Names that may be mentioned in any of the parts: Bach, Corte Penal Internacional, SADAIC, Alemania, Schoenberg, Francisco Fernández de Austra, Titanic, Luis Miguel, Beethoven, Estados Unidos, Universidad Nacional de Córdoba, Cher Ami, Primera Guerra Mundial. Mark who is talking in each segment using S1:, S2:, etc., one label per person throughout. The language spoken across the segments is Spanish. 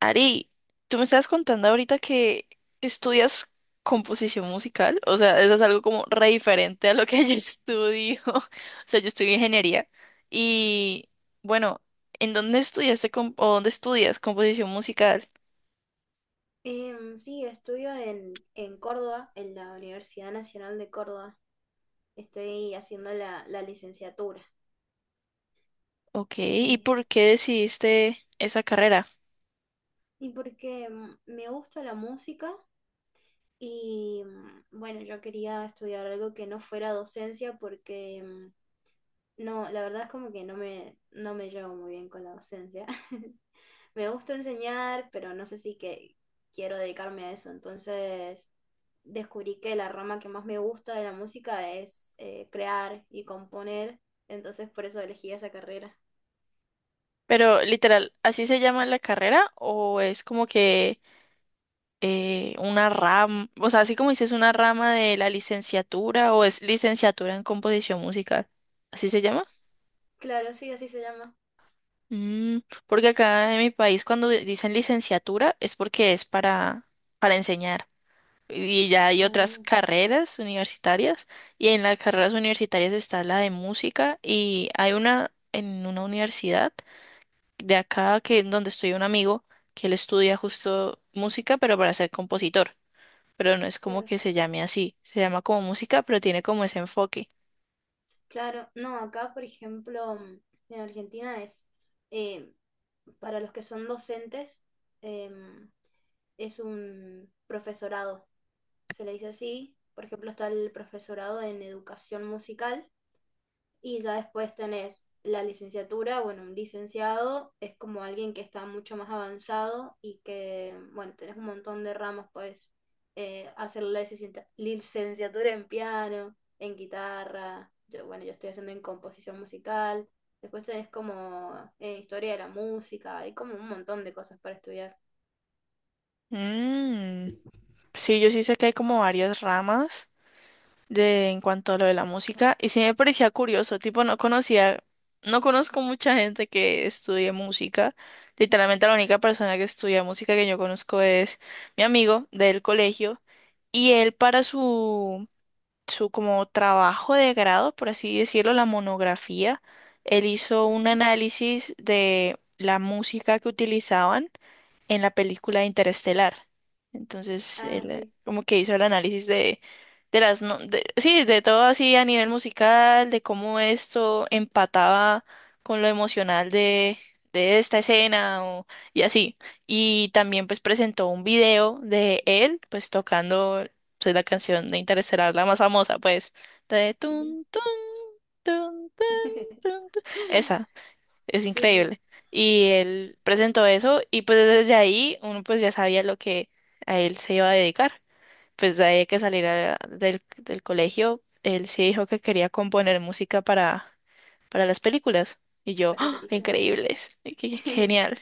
S1: Ari, tú me estabas contando ahorita que estudias composición musical, o sea, eso es algo como re diferente a lo que yo estudio. O sea, yo estudio ingeniería y bueno, ¿en dónde estudiaste o dónde estudias composición musical?
S2: Sí, estudio en Córdoba, en la Universidad Nacional de Córdoba. Estoy haciendo la, la licenciatura.
S1: Ok, ¿y
S2: Eh,
S1: por qué decidiste esa carrera?
S2: y porque me gusta la música y bueno, yo quería estudiar algo que no fuera docencia porque no, la verdad es como que no me, no me llevo muy bien con la docencia. Me gusta enseñar, pero no sé si que quiero dedicarme a eso. Entonces descubrí que la rama que más me gusta de la música es crear y componer. Entonces por eso elegí esa carrera.
S1: Pero literal, ¿así se llama la carrera o es como que una rama, o sea, así como dices, una rama de la licenciatura o es licenciatura en composición musical? ¿Así se llama?
S2: Claro, sí, así se llama.
S1: Mm, Porque acá en mi país cuando dicen licenciatura es porque es para enseñar. Y ya hay otras
S2: Ah,
S1: carreras universitarias, y en las carreras universitarias está la de música, y hay una en una universidad de acá que donde estudia un amigo, que él estudia justo música pero para ser compositor. Pero no es como
S2: claro.
S1: que se llame así. Se llama como música, pero tiene como ese enfoque.
S2: Claro, no, acá por ejemplo en Argentina es eh, para los que son docentes, em, es un profesorado, se le dice así. Por ejemplo, está el profesorado en educación musical. Y ya después tenés la licenciatura, bueno, un licenciado es como alguien que está mucho más avanzado y que, bueno, tenés un montón de ramas, puedes hacer la licenciatura en piano, en guitarra, yo, bueno, yo estoy haciendo en composición musical, después tenés como historia de la música, hay como un montón de cosas para estudiar.
S1: Mm, sí, yo sí sé que hay como varias ramas de en cuanto a lo de la música, y sí me parecía curioso, tipo no conocía, no conozco mucha gente que estudie música. Literalmente la única persona que estudia música que yo conozco es mi amigo del colegio, y él para su como trabajo de grado, por así decirlo, la monografía, él hizo un
S2: Ujú.
S1: análisis de la música que utilizaban en la película de Interestelar. Entonces,
S2: Ah,
S1: él
S2: sí.
S1: como que hizo el análisis de, sí, de todo así a nivel musical, de cómo esto empataba con lo emocional de esta escena y así. Y también pues presentó un video de él pues tocando pues, la canción de Interestelar, la más famosa pues, de tun, tun, tun, tun, tun, tun. Esa. Es
S2: Sí, sí,
S1: increíble. Y él presentó eso y pues desde ahí uno pues ya sabía lo que a él se iba a dedicar. Pues de ahí que saliera del colegio, él sí dijo que quería componer música para las películas. Y yo,
S2: para
S1: ¡ah!
S2: películas.
S1: Increíbles, qué, qué genial.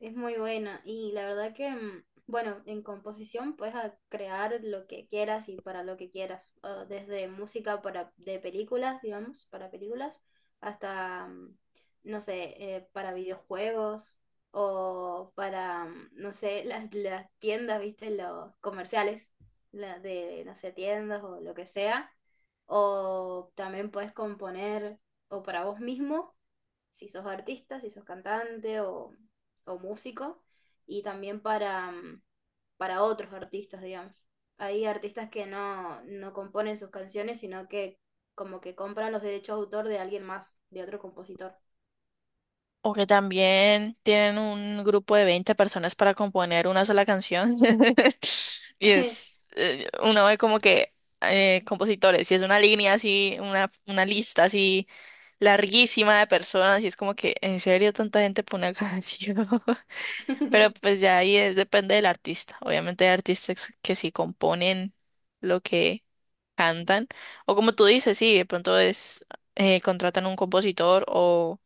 S2: Es muy buena y la verdad que, bueno, en composición puedes crear lo que quieras y para lo que quieras, o desde música para, de películas, digamos, para películas, hasta, no sé, para videojuegos o para, no sé, las tiendas, viste, los comerciales, la de, no sé, tiendas o lo que sea, o también puedes componer o para vos mismo si sos artista, si sos cantante o músico y también para, para otros artistas, digamos. Hay artistas que no, no componen sus canciones, sino que como que compran los derechos de autor de alguien más, de otro compositor.
S1: O que también tienen un grupo de 20 personas para componer una sola canción. Y es, uno ve como que compositores, y es una línea así, una lista así larguísima de personas, y es como que, ¿en serio tanta gente pone una canción? Pero pues ya ahí depende del artista. Obviamente hay artistas que sí componen lo que cantan. O como tú dices, sí, de pronto es, contratan un compositor o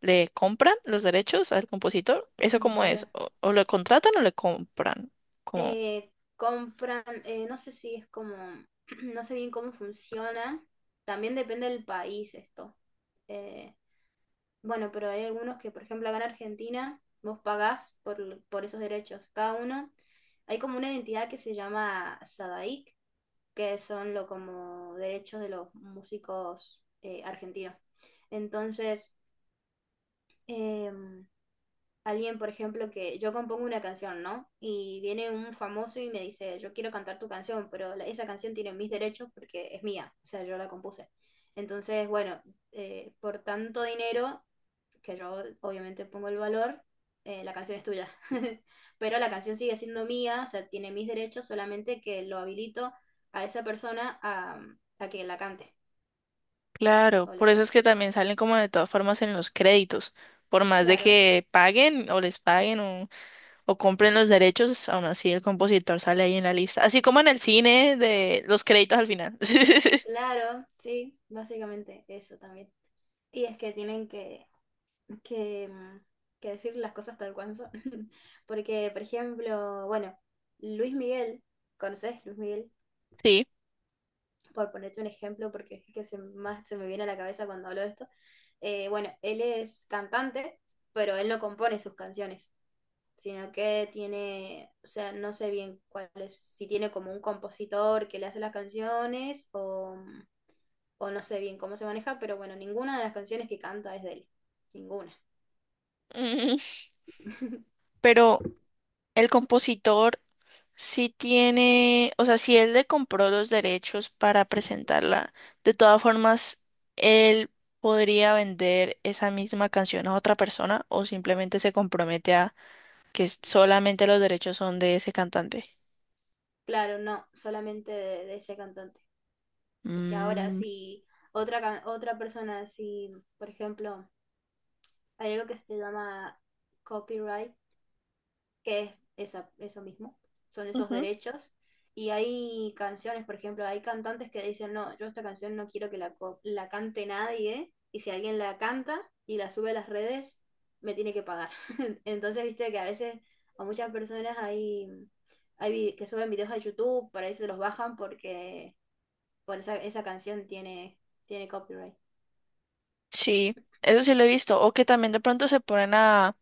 S1: le compran los derechos al compositor. ¿Eso cómo es?
S2: Claro.
S1: ¿O lo contratan o le compran? Como...
S2: Compran, no sé si es como, no sé bien cómo funciona. También depende del país esto. Eh, Bueno, pero hay algunos que, por ejemplo, acá en Argentina, vos pagás por esos derechos, cada uno. Hay como una identidad que se llama SADAIC, que son lo como derechos de los músicos argentinos. Entonces, em, alguien, por ejemplo, que yo compongo una canción, ¿no? Y viene un famoso y me dice, yo quiero cantar tu canción, pero esa canción tiene mis derechos porque es mía, o sea, yo la compuse. Entonces, bueno, por tanto dinero que yo obviamente pongo el valor, la canción es tuya. Pero la canción sigue siendo mía, o sea, tiene mis derechos, solamente que lo habilito a esa persona a que la cante
S1: Claro,
S2: o la
S1: por eso es
S2: toque.
S1: que también salen como de todas formas en los créditos. Por más de
S2: Claro,
S1: que paguen o les paguen o compren los derechos, aún así el compositor sale ahí en la lista. Así como en el cine de los créditos al final.
S2: claro, sí, básicamente eso también. Y es que tienen que, que decir las cosas tal cual son. Porque, por ejemplo, bueno, Luis Miguel, ¿conoces Luis Miguel?
S1: Sí.
S2: Por ponerte un ejemplo, porque es el que se, más se me viene a la cabeza cuando hablo de esto, bueno, él es cantante, pero él no compone sus canciones, sino que tiene, o sea, no sé bien cuál es, si tiene como un compositor que le hace las canciones o no sé bien cómo se maneja, pero bueno, ninguna de las canciones que canta es de él, ninguna.
S1: Mm, Pero el compositor sí tiene, o sea, si él le compró los derechos para presentarla, de todas formas, él podría vender esa misma canción a otra persona, o simplemente se compromete a que solamente los derechos son de ese cantante.
S2: Claro, no, solamente de, ese cantante. O sea, ahora
S1: Mm,
S2: si otra, otra persona, si por ejemplo, hay algo que se llama copyright, que es eso mismo, son esos
S1: ujú.
S2: derechos. Y hay canciones, por ejemplo, hay cantantes que dicen, no, yo esta canción no quiero que la, la cante nadie, y si alguien la canta y la sube a las redes, me tiene que pagar. Entonces, viste que a veces a muchas personas hay, hay que suben videos a YouTube, por ahí se los bajan porque, bueno, esa canción tiene, tiene copyright.
S1: Sí, eso sí lo he visto. O que también de pronto se ponen a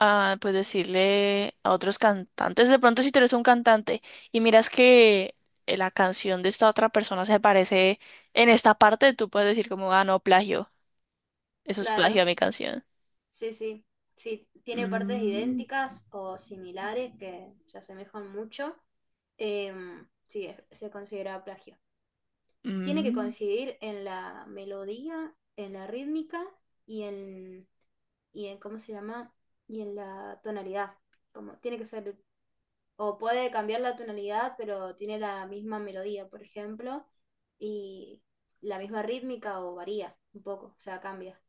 S1: pues decirle a otros cantantes, de pronto si tú eres un cantante y miras que la canción de esta otra persona se parece en esta parte, tú puedes decir como, ah, no, plagio, eso es plagio
S2: Claro,
S1: a mi canción.
S2: sí, sí. Sí, tiene partes
S1: Mm,
S2: idénticas o similares que se asemejan mucho. Sí, se considera plagio. Tiene que
S1: mm.
S2: coincidir en la melodía, en la rítmica y en, y en, ¿cómo se llama? Y en la tonalidad. Como tiene que ser, o puede cambiar la tonalidad, pero tiene la misma melodía, por ejemplo, y la misma rítmica o varía un poco, o sea, cambia.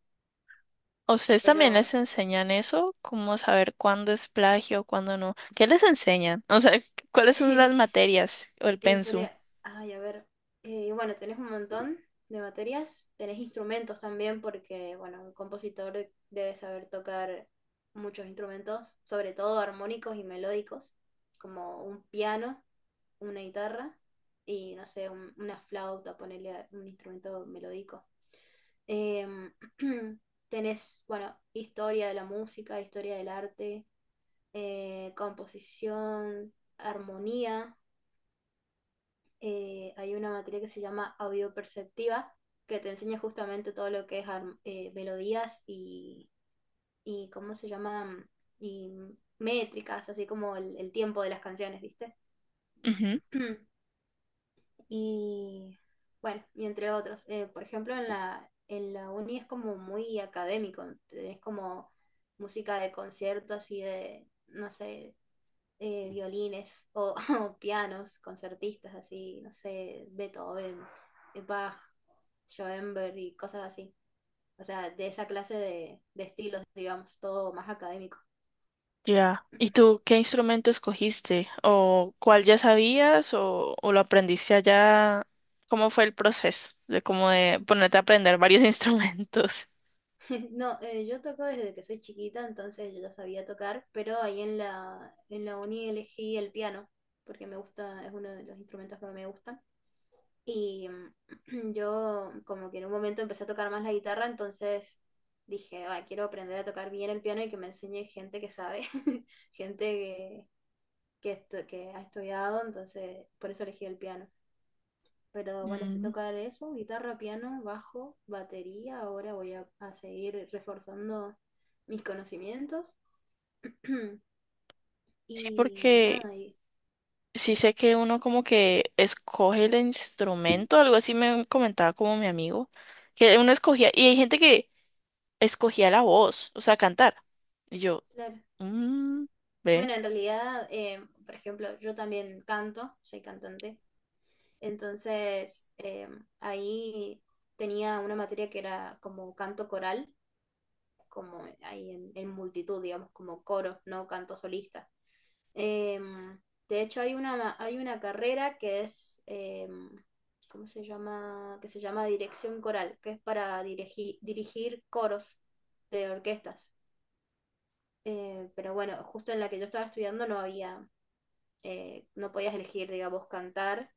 S1: ¿A ¿Ustedes también les
S2: Pero
S1: enseñan eso? ¿Cómo saber cuándo es plagio, cuándo no? ¿Qué les enseñan? O sea, ¿cuáles son las materias o el
S2: y por,
S1: pensum?
S2: ay, a ver, bueno, tenés un montón de materias, tenés instrumentos también, porque, bueno, un compositor debe saber tocar muchos instrumentos, sobre todo armónicos y melódicos, como un piano, una guitarra y, no sé, una flauta, ponerle un instrumento melódico. Em, tenés, bueno, historia de la música, historia del arte, composición, armonía, hay una materia que se llama audioperceptiva, que te enseña justamente todo lo que es melodías y, ¿cómo se llama? Y métricas, así como el tiempo de las canciones, ¿viste? Y bueno, y entre otros. Por ejemplo, en la uni es como muy académico, es como música de conciertos y de, no sé, violines o, o pianos, concertistas así, no sé, Beethoven, Bach, Schoenberg y cosas así. O sea, de esa clase de estilos, digamos, todo más académico.
S1: Ya. ¿Y tú qué instrumento escogiste? ¿O cuál ya sabías, o lo aprendiste allá? ¿Cómo fue el proceso de cómo de ponerte a aprender varios instrumentos?
S2: No, yo toco desde que soy chiquita, entonces yo ya sabía tocar, pero ahí en la uni elegí el piano, porque me gusta, es uno de los instrumentos que me gusta. Y yo como que en un momento empecé a tocar más la guitarra, entonces dije, "Ay, quiero aprender a tocar bien el piano y que me enseñe gente que sabe, gente que, que ha estudiado, entonces por eso elegí el piano. Pero bueno, sé
S1: Mm,
S2: tocar eso, guitarra, piano, bajo, batería, ahora voy a seguir reforzando mis conocimientos.
S1: sí,
S2: Y
S1: porque
S2: nada, y
S1: sí
S2: eso,
S1: sé que uno como que escoge el instrumento, algo así me comentaba como mi amigo, que uno escogía, y hay gente que escogía la voz, o sea, cantar. Y yo,
S2: claro.
S1: mmm,
S2: Bueno, en realidad, por ejemplo, yo también canto, soy cantante. Entonces, ahí tenía una materia que era como canto coral, como ahí en multitud, digamos, como coro, no canto solista. Eh, de hecho, hay una carrera que es, ¿cómo se llama? Que se llama dirección coral, que es para dirigir, dirigir coros de orquestas. Pero bueno, justo en la que yo estaba estudiando no había, no podías elegir, digamos, cantar,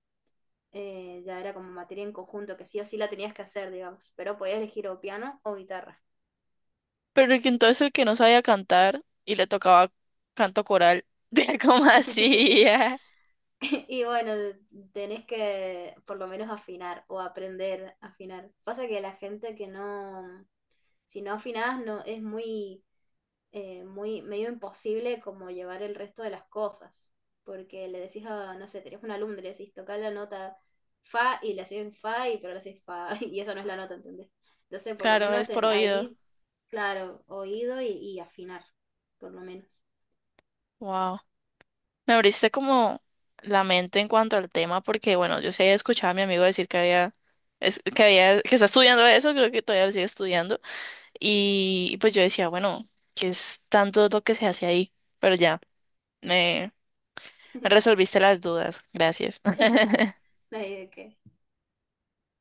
S2: ya era como materia en conjunto, que sí o sí la tenías que hacer, digamos, pero podías elegir o piano o guitarra.
S1: pero que entonces el que no sabía cantar y le tocaba canto coral, vea cómo hacía.
S2: Y bueno, tenés que por lo menos afinar o aprender a afinar. Pasa que la gente que no, si no afinás, no, es muy muy medio imposible como llevar el resto de las cosas, porque le decís a, no sé, tenés un alumno, le decís tocar la nota fa y le haces fa y pero le haces fa y esa no es la nota, ¿entendés? Entonces, por lo
S1: Claro,
S2: menos
S1: es por oído.
S2: ahí, claro, oído y afinar, por lo menos.
S1: Wow. Me abriste como la mente en cuanto al tema, porque bueno, yo sí había escuchado a mi amigo decir que había, que está estudiando eso, creo que todavía lo sigue estudiando. Y pues yo decía, bueno, ¿que es tanto lo que se hace ahí? Pero ya, me, me resolviste las dudas. Gracias.
S2: No hay de qué.